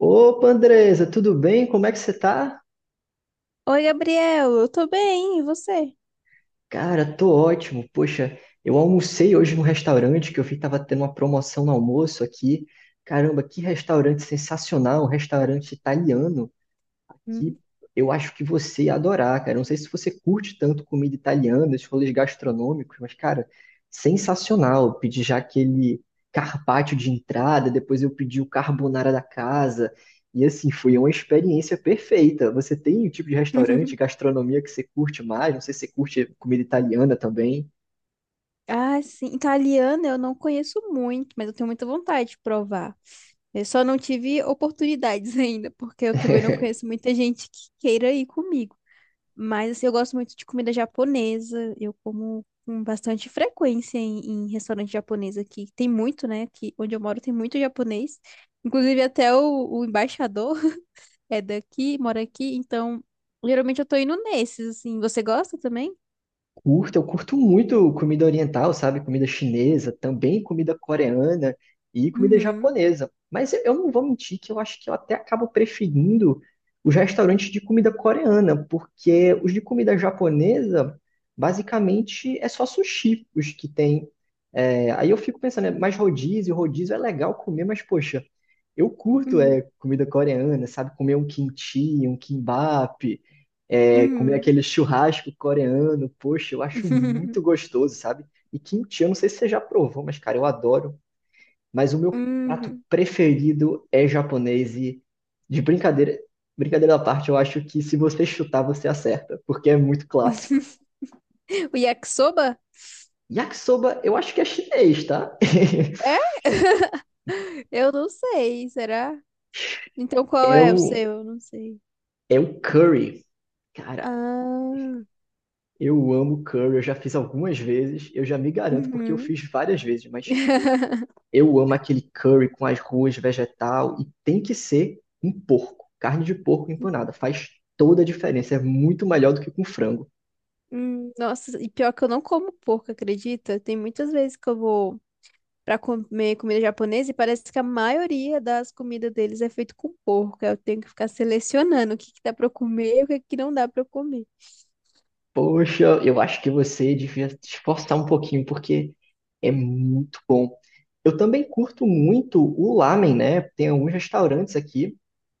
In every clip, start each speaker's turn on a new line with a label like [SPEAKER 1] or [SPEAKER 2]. [SPEAKER 1] Opa, Andresa, tudo bem? Como é que você tá?
[SPEAKER 2] Oi, Gabriel, eu tô bem, e você?
[SPEAKER 1] Cara, tô ótimo. Poxa, eu almocei hoje num restaurante que eu vi que tava tendo uma promoção no almoço aqui. Caramba, que restaurante sensacional, um restaurante italiano.
[SPEAKER 2] Hum.
[SPEAKER 1] Que eu acho que você ia adorar, cara. Não sei se você curte tanto comida italiana, esses rolês gastronômicos, mas, cara, sensacional. Eu pedi já aquele carpaccio de entrada, depois eu pedi o carbonara da casa. E assim, foi uma experiência perfeita. Você tem o tipo de restaurante, gastronomia que você curte mais? Não sei se você curte comida italiana também.
[SPEAKER 2] Ah, sim, italiana eu não conheço muito, mas eu tenho muita vontade de provar. Eu só não tive oportunidades ainda, porque eu também não conheço muita gente que queira ir comigo. Mas assim, eu gosto muito de comida japonesa, eu como com bastante frequência em restaurante japonês aqui. Tem muito, né? Aqui onde eu moro tem muito japonês. Inclusive até o embaixador é daqui, mora aqui, então geralmente eu tô indo nesses, assim. Você gosta também?
[SPEAKER 1] Curto, eu curto muito comida oriental, sabe? Comida chinesa, também comida coreana e comida
[SPEAKER 2] Uhum,
[SPEAKER 1] japonesa. Mas eu não vou mentir que eu acho que eu até acabo preferindo os restaurantes de comida coreana, porque os de comida japonesa, basicamente, é só sushi os que tem. É, aí eu fico pensando, é mais rodízio, rodízio é legal comer, mas poxa, eu curto
[SPEAKER 2] uhum,
[SPEAKER 1] é, comida coreana, sabe? Comer um kimchi, um kimbap é, comer
[SPEAKER 2] uhum,
[SPEAKER 1] aquele churrasco coreano, poxa, eu acho muito gostoso, sabe? E kimchi, eu não sei se você já provou, mas cara, eu adoro. Mas o meu prato
[SPEAKER 2] uhum.
[SPEAKER 1] preferido é japonês e de brincadeira, brincadeira à parte, eu acho que se você chutar, você acerta, porque é muito clássico.
[SPEAKER 2] O yakisoba?
[SPEAKER 1] Yakisoba, eu acho que é chinês, tá?
[SPEAKER 2] É? Eu não sei, será? Então qual
[SPEAKER 1] É
[SPEAKER 2] é o
[SPEAKER 1] o,
[SPEAKER 2] seu? Eu não sei.
[SPEAKER 1] É o curry. Cara,
[SPEAKER 2] Ah,
[SPEAKER 1] eu amo curry, eu já fiz algumas vezes, eu já me garanto porque eu
[SPEAKER 2] uhum.
[SPEAKER 1] fiz várias vezes, mas eu amo aquele curry com as ruas vegetal e tem que ser um porco. Carne de porco empanada faz toda a diferença. É muito melhor do que com frango.
[SPEAKER 2] Nossa, e pior que eu não como porco, acredita? Tem muitas vezes que eu vou para comer comida japonesa e parece que a maioria das comidas deles é feito com porco. Aí eu tenho que ficar selecionando o que que dá para eu comer e o que que não dá para eu comer.
[SPEAKER 1] Poxa, eu acho que você devia se esforçar um pouquinho porque é muito bom. Eu também curto muito o lamen, né? Tem alguns restaurantes aqui.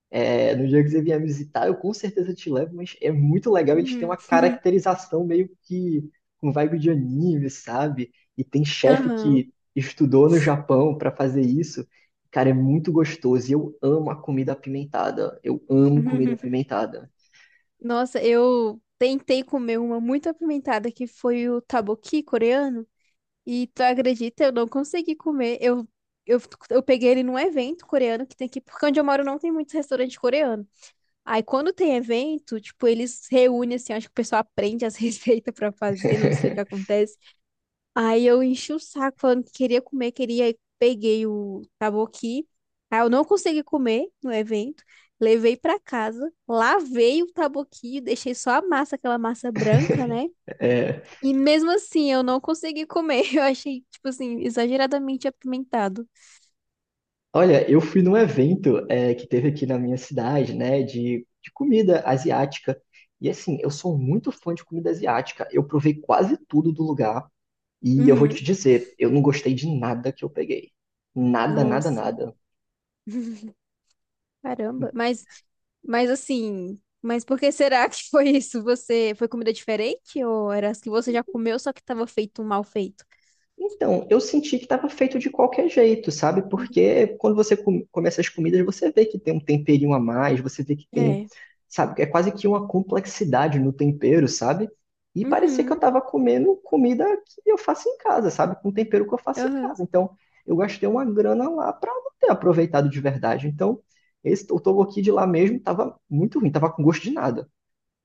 [SPEAKER 1] É, no dia que você vier me visitar, eu com certeza te levo, mas é muito legal. Eles têm
[SPEAKER 2] Uhum.
[SPEAKER 1] uma caracterização meio que com vibe de anime, sabe? E tem chefe
[SPEAKER 2] Aham.
[SPEAKER 1] que estudou no Japão para fazer isso. Cara, é muito gostoso. E eu amo a comida apimentada. Eu amo comida apimentada.
[SPEAKER 2] Nossa, eu tentei comer uma muito apimentada que foi o taboqui coreano e tu acredita, eu não consegui comer. Eu, eu peguei ele num evento coreano que tem aqui, porque onde eu moro não tem muitos restaurantes coreanos. Aí quando tem evento, tipo, eles reúnem assim, acho que o pessoal aprende as receitas pra fazer, não sei o que acontece. Aí eu enchi o saco falando que queria comer, queria, aí peguei o taboqui. Aí eu não consegui comer no evento, levei pra casa, lavei o taboqui, deixei só a massa, aquela massa branca, né?
[SPEAKER 1] É,
[SPEAKER 2] E mesmo assim eu não consegui comer. Eu achei, tipo assim, exageradamente apimentado.
[SPEAKER 1] olha, eu fui num evento que teve aqui na minha cidade, né, de comida asiática. E assim, eu sou muito fã de comida asiática. Eu provei quase tudo do lugar. E eu vou
[SPEAKER 2] Uhum.
[SPEAKER 1] te dizer, eu não gostei de nada que eu peguei. Nada, nada,
[SPEAKER 2] Nossa.
[SPEAKER 1] nada.
[SPEAKER 2] Caramba. Mas assim, mas por que será que foi isso? Você foi comida diferente ou era as que você já comeu, só que tava feito um mal feito?
[SPEAKER 1] Então, eu senti que estava feito de qualquer jeito, sabe?
[SPEAKER 2] Hum.
[SPEAKER 1] Porque quando você come essas comidas, você vê que tem um temperinho a mais, você vê que tem,
[SPEAKER 2] É.
[SPEAKER 1] sabe? É quase que uma complexidade no tempero, sabe? E parecia que eu
[SPEAKER 2] Uhum.
[SPEAKER 1] estava comendo comida que eu faço em casa, sabe? Com tempero que eu faço em
[SPEAKER 2] Aham.
[SPEAKER 1] casa. Então, eu gastei uma grana lá para não ter aproveitado de verdade. Então, o tteokbokki de lá mesmo estava muito ruim, estava com gosto de nada.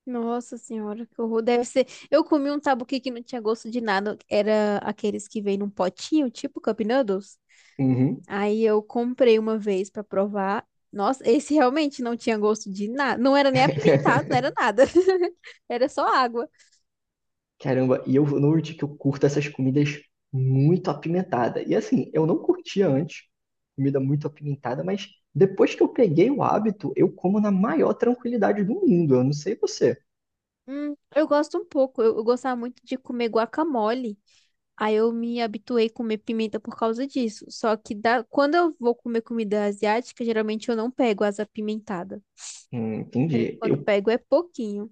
[SPEAKER 2] Nossa senhora, que horror. Deve ser. Eu comi um tabuqui que não tinha gosto de nada. Era aqueles que vêm num potinho, tipo Cup Noodles.
[SPEAKER 1] Uhum.
[SPEAKER 2] Aí eu comprei uma vez pra provar. Nossa, esse realmente não tinha gosto de nada. Não era nem apimentado, não era nada. Era só água.
[SPEAKER 1] Caramba, e eu noto que eu curto essas comidas muito apimentada. E assim, eu não curtia antes comida muito apimentada, mas depois que eu peguei o hábito, eu como na maior tranquilidade do mundo. Eu não sei você.
[SPEAKER 2] Eu gosto um pouco. Eu gostava muito de comer guacamole. Aí eu me habituei a comer pimenta por causa disso. Só que quando eu vou comer comida asiática, geralmente eu não pego as apimentadas.
[SPEAKER 1] Entendi.
[SPEAKER 2] Quando
[SPEAKER 1] Eu
[SPEAKER 2] pego é pouquinho.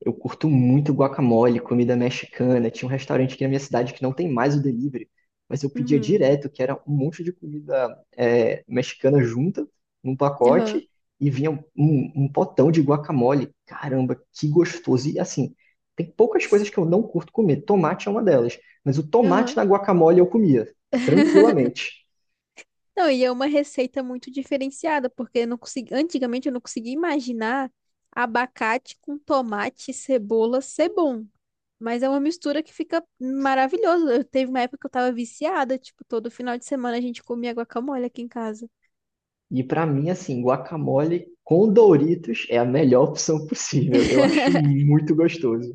[SPEAKER 1] Eu curto muito guacamole, comida mexicana. Tinha um restaurante aqui na minha cidade que não tem mais o delivery, mas eu pedia
[SPEAKER 2] Uhum,
[SPEAKER 1] direto, que era um monte de comida é, mexicana junta, num
[SPEAKER 2] aham,
[SPEAKER 1] pacote, e vinha um potão de guacamole. Caramba, que gostoso! E assim, tem poucas coisas que eu não curto comer. Tomate é uma delas, mas o tomate
[SPEAKER 2] aham.
[SPEAKER 1] na guacamole eu comia, tranquilamente.
[SPEAKER 2] Não, e é uma receita muito diferenciada, porque eu não consegui, antigamente eu não conseguia imaginar abacate com tomate e cebola ser bom. Mas é uma mistura que fica maravilhosa. Eu teve uma época que eu tava viciada, tipo, todo final de semana a gente comia guacamole aqui em casa.
[SPEAKER 1] E pra mim, assim, guacamole com Doritos é a melhor opção possível. Eu acho muito gostoso.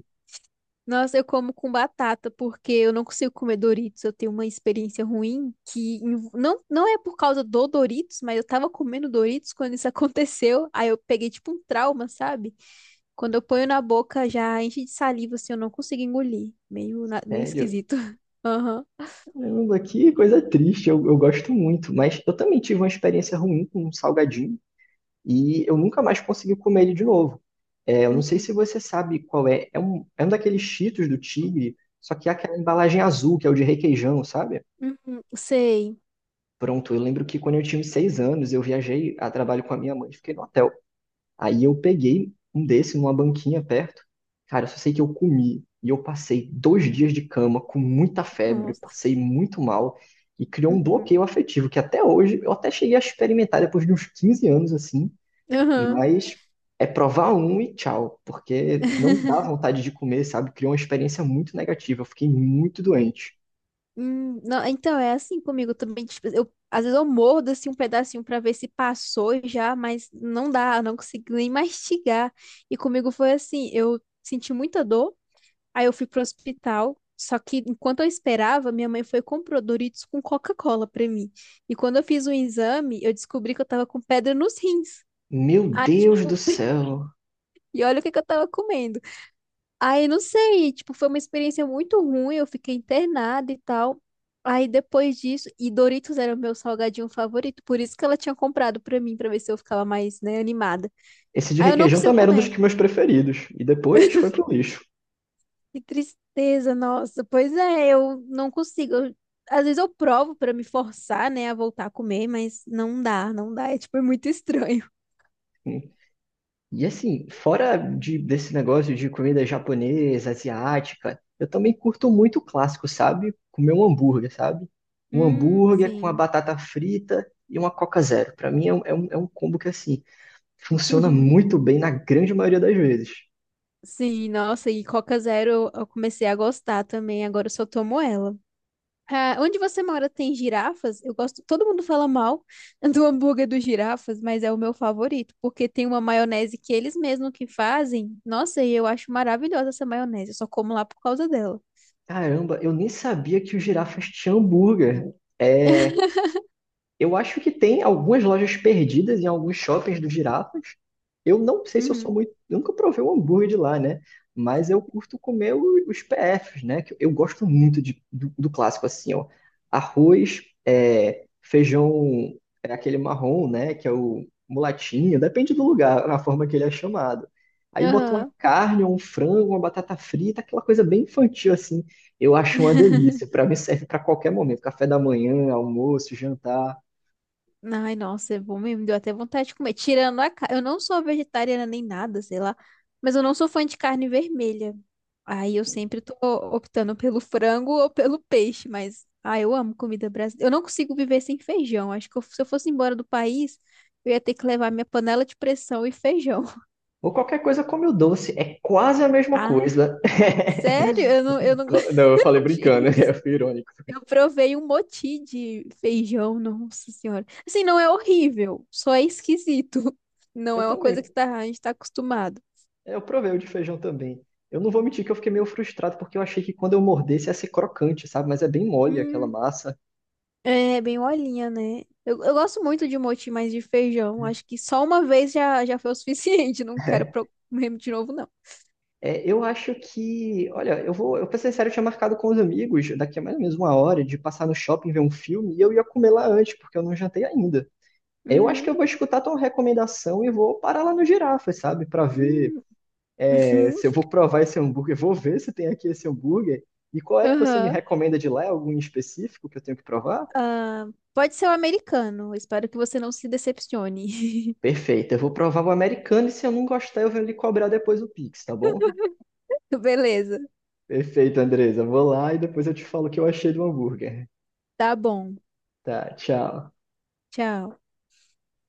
[SPEAKER 2] Nossa, eu como com batata, porque eu não consigo comer Doritos. Eu tenho uma experiência ruim não, não é por causa do Doritos, mas eu tava comendo Doritos quando isso aconteceu. Aí eu peguei tipo um trauma, sabe? Quando eu ponho na boca, já enche de saliva, assim, eu não consigo engolir. Meio, meio
[SPEAKER 1] Sério,
[SPEAKER 2] esquisito. Aham.
[SPEAKER 1] caramba, que coisa triste, eu gosto muito, mas eu também tive uma experiência ruim com um salgadinho e eu nunca mais consegui comer ele de novo. É, eu não sei
[SPEAKER 2] Uhum.
[SPEAKER 1] se você sabe qual é, é um daqueles Cheetos do Tigre, só que é aquela embalagem azul, que é o de requeijão, sabe?
[SPEAKER 2] Uhum. Sei.
[SPEAKER 1] Pronto, eu lembro que quando eu tinha uns seis anos, eu viajei a trabalho com a minha mãe, fiquei no hotel. Aí eu peguei um desse numa banquinha perto. Cara, eu só sei que eu comi e eu passei dois dias de cama com muita febre,
[SPEAKER 2] Nossa.
[SPEAKER 1] passei muito mal e criou um
[SPEAKER 2] Uhum.
[SPEAKER 1] bloqueio afetivo que até hoje eu até cheguei a experimentar depois de uns 15 anos assim,
[SPEAKER 2] Aham.
[SPEAKER 1] mas é provar um e tchau, porque não me dá vontade de comer, sabe? Criou uma experiência muito negativa, eu fiquei muito doente.
[SPEAKER 2] Não, então é assim comigo também. Tipo, às vezes eu mordo assim um pedacinho pra ver se passou já, mas não dá, eu não consigo nem mastigar. E comigo foi assim, eu senti muita dor. Aí eu fui pro hospital. Só que enquanto eu esperava, minha mãe foi e comprou Doritos com Coca-Cola pra mim. E quando eu fiz o exame, eu descobri que eu tava com pedra nos rins.
[SPEAKER 1] Meu
[SPEAKER 2] Aí,
[SPEAKER 1] Deus do
[SPEAKER 2] tipo,
[SPEAKER 1] céu!
[SPEAKER 2] e olha o que que eu tava comendo. Aí, não sei, tipo, foi uma experiência muito ruim, eu fiquei internada e tal. Aí depois disso, e Doritos era o meu salgadinho favorito, por isso que ela tinha comprado pra mim, pra ver se eu ficava mais, né, animada.
[SPEAKER 1] Esse de
[SPEAKER 2] Aí eu não
[SPEAKER 1] requeijão
[SPEAKER 2] consigo
[SPEAKER 1] também era um dos
[SPEAKER 2] comer.
[SPEAKER 1] que meus preferidos e depois foi pro lixo.
[SPEAKER 2] Que tristeza, nossa. Pois é, eu não consigo. Às vezes eu provo pra me forçar, né, a voltar a comer, mas não dá, não dá. É tipo, é muito estranho.
[SPEAKER 1] E assim, fora desse negócio de comida japonesa, asiática, eu também curto muito o clássico, sabe? Comer um hambúrguer, sabe? Um hambúrguer com a
[SPEAKER 2] Sim.
[SPEAKER 1] batata frita e uma Coca Zero. Pra mim é é um combo que, assim, funciona muito bem na grande maioria das vezes.
[SPEAKER 2] Sim, nossa, e Coca Zero eu comecei a gostar também, agora eu só tomo ela. Ah, onde você mora tem girafas? Eu gosto, todo mundo fala mal do hambúrguer dos girafas, mas é o meu favorito, porque tem uma maionese que eles mesmos que fazem. Nossa, e eu acho maravilhosa essa maionese, eu só como lá por causa dela.
[SPEAKER 1] Caramba, eu nem sabia que o girafas tinha hambúrguer. É, eu acho que tem algumas lojas perdidas em alguns shoppings do Girafas. Eu não sei se eu sou
[SPEAKER 2] Uhum.
[SPEAKER 1] muito. Eu nunca provei um hambúrguer de lá, né? Mas eu curto comer os PFs, né? Que eu gosto muito do clássico, assim, ó. Arroz, é, feijão, é aquele marrom, né? Que é o mulatinho, depende do lugar, a forma que ele é chamado. Aí bota uma
[SPEAKER 2] Aham.
[SPEAKER 1] carne, um frango, uma batata frita, aquela coisa bem infantil, assim. Eu acho uma delícia. Pra mim serve pra qualquer momento. Café da manhã, almoço, jantar.
[SPEAKER 2] Ai, nossa, é bom mesmo. Me deu até vontade de comer. Tirando a carne. Eu não sou vegetariana nem nada, sei lá. Mas eu não sou fã de carne vermelha. Aí eu sempre tô optando pelo frango ou pelo peixe. Mas, ah, eu amo comida brasileira. Eu não consigo viver sem feijão. Acho que se eu fosse embora do país, eu ia ter que levar minha panela de pressão e feijão.
[SPEAKER 1] Ou qualquer coisa come o doce, é quase a mesma
[SPEAKER 2] Ah,
[SPEAKER 1] coisa.
[SPEAKER 2] sério? Eu não,
[SPEAKER 1] Não, eu
[SPEAKER 2] eu
[SPEAKER 1] falei
[SPEAKER 2] não achei.
[SPEAKER 1] brincando, eu fui irônico.
[SPEAKER 2] Eu provei um moti de feijão, nossa senhora. Assim, não é horrível, só é esquisito. Não
[SPEAKER 1] Eu
[SPEAKER 2] é uma coisa
[SPEAKER 1] também,
[SPEAKER 2] que a gente tá acostumado.
[SPEAKER 1] eu provei o de feijão também. Eu não vou mentir que eu fiquei meio frustrado, porque eu achei que quando eu mordesse ia ser crocante, sabe? Mas é bem mole aquela
[SPEAKER 2] Hum,
[SPEAKER 1] massa.
[SPEAKER 2] é bem olhinha, né? Eu gosto muito de moti, mas de feijão. Acho que só uma vez já foi o suficiente. Não quero comer de novo, não.
[SPEAKER 1] É, eu acho que, olha, eu pra ser sério, eu tinha marcado com os amigos daqui a mais ou menos uma hora de passar no shopping ver um filme e eu ia comer lá antes, porque eu não jantei ainda. Eu acho
[SPEAKER 2] Uhum,
[SPEAKER 1] que eu vou escutar tua recomendação e vou parar lá no Girafas, sabe? Pra ver
[SPEAKER 2] hum,
[SPEAKER 1] é,
[SPEAKER 2] uhum,
[SPEAKER 1] se eu vou provar esse hambúrguer, vou ver se tem aqui esse hambúrguer. E qual é que você me
[SPEAKER 2] aham.
[SPEAKER 1] recomenda de lá? Algum específico que eu tenho que provar?
[SPEAKER 2] Ah, pode ser o americano. Espero que você não se decepcione.
[SPEAKER 1] Perfeito, eu vou provar o americano e se eu não gostar, eu venho lhe cobrar depois o Pix, tá bom?
[SPEAKER 2] Beleza.
[SPEAKER 1] Perfeito, Andresa. Vou lá e depois eu te falo o que eu achei do hambúrguer.
[SPEAKER 2] Tá bom.
[SPEAKER 1] Tá, tchau.
[SPEAKER 2] Tchau.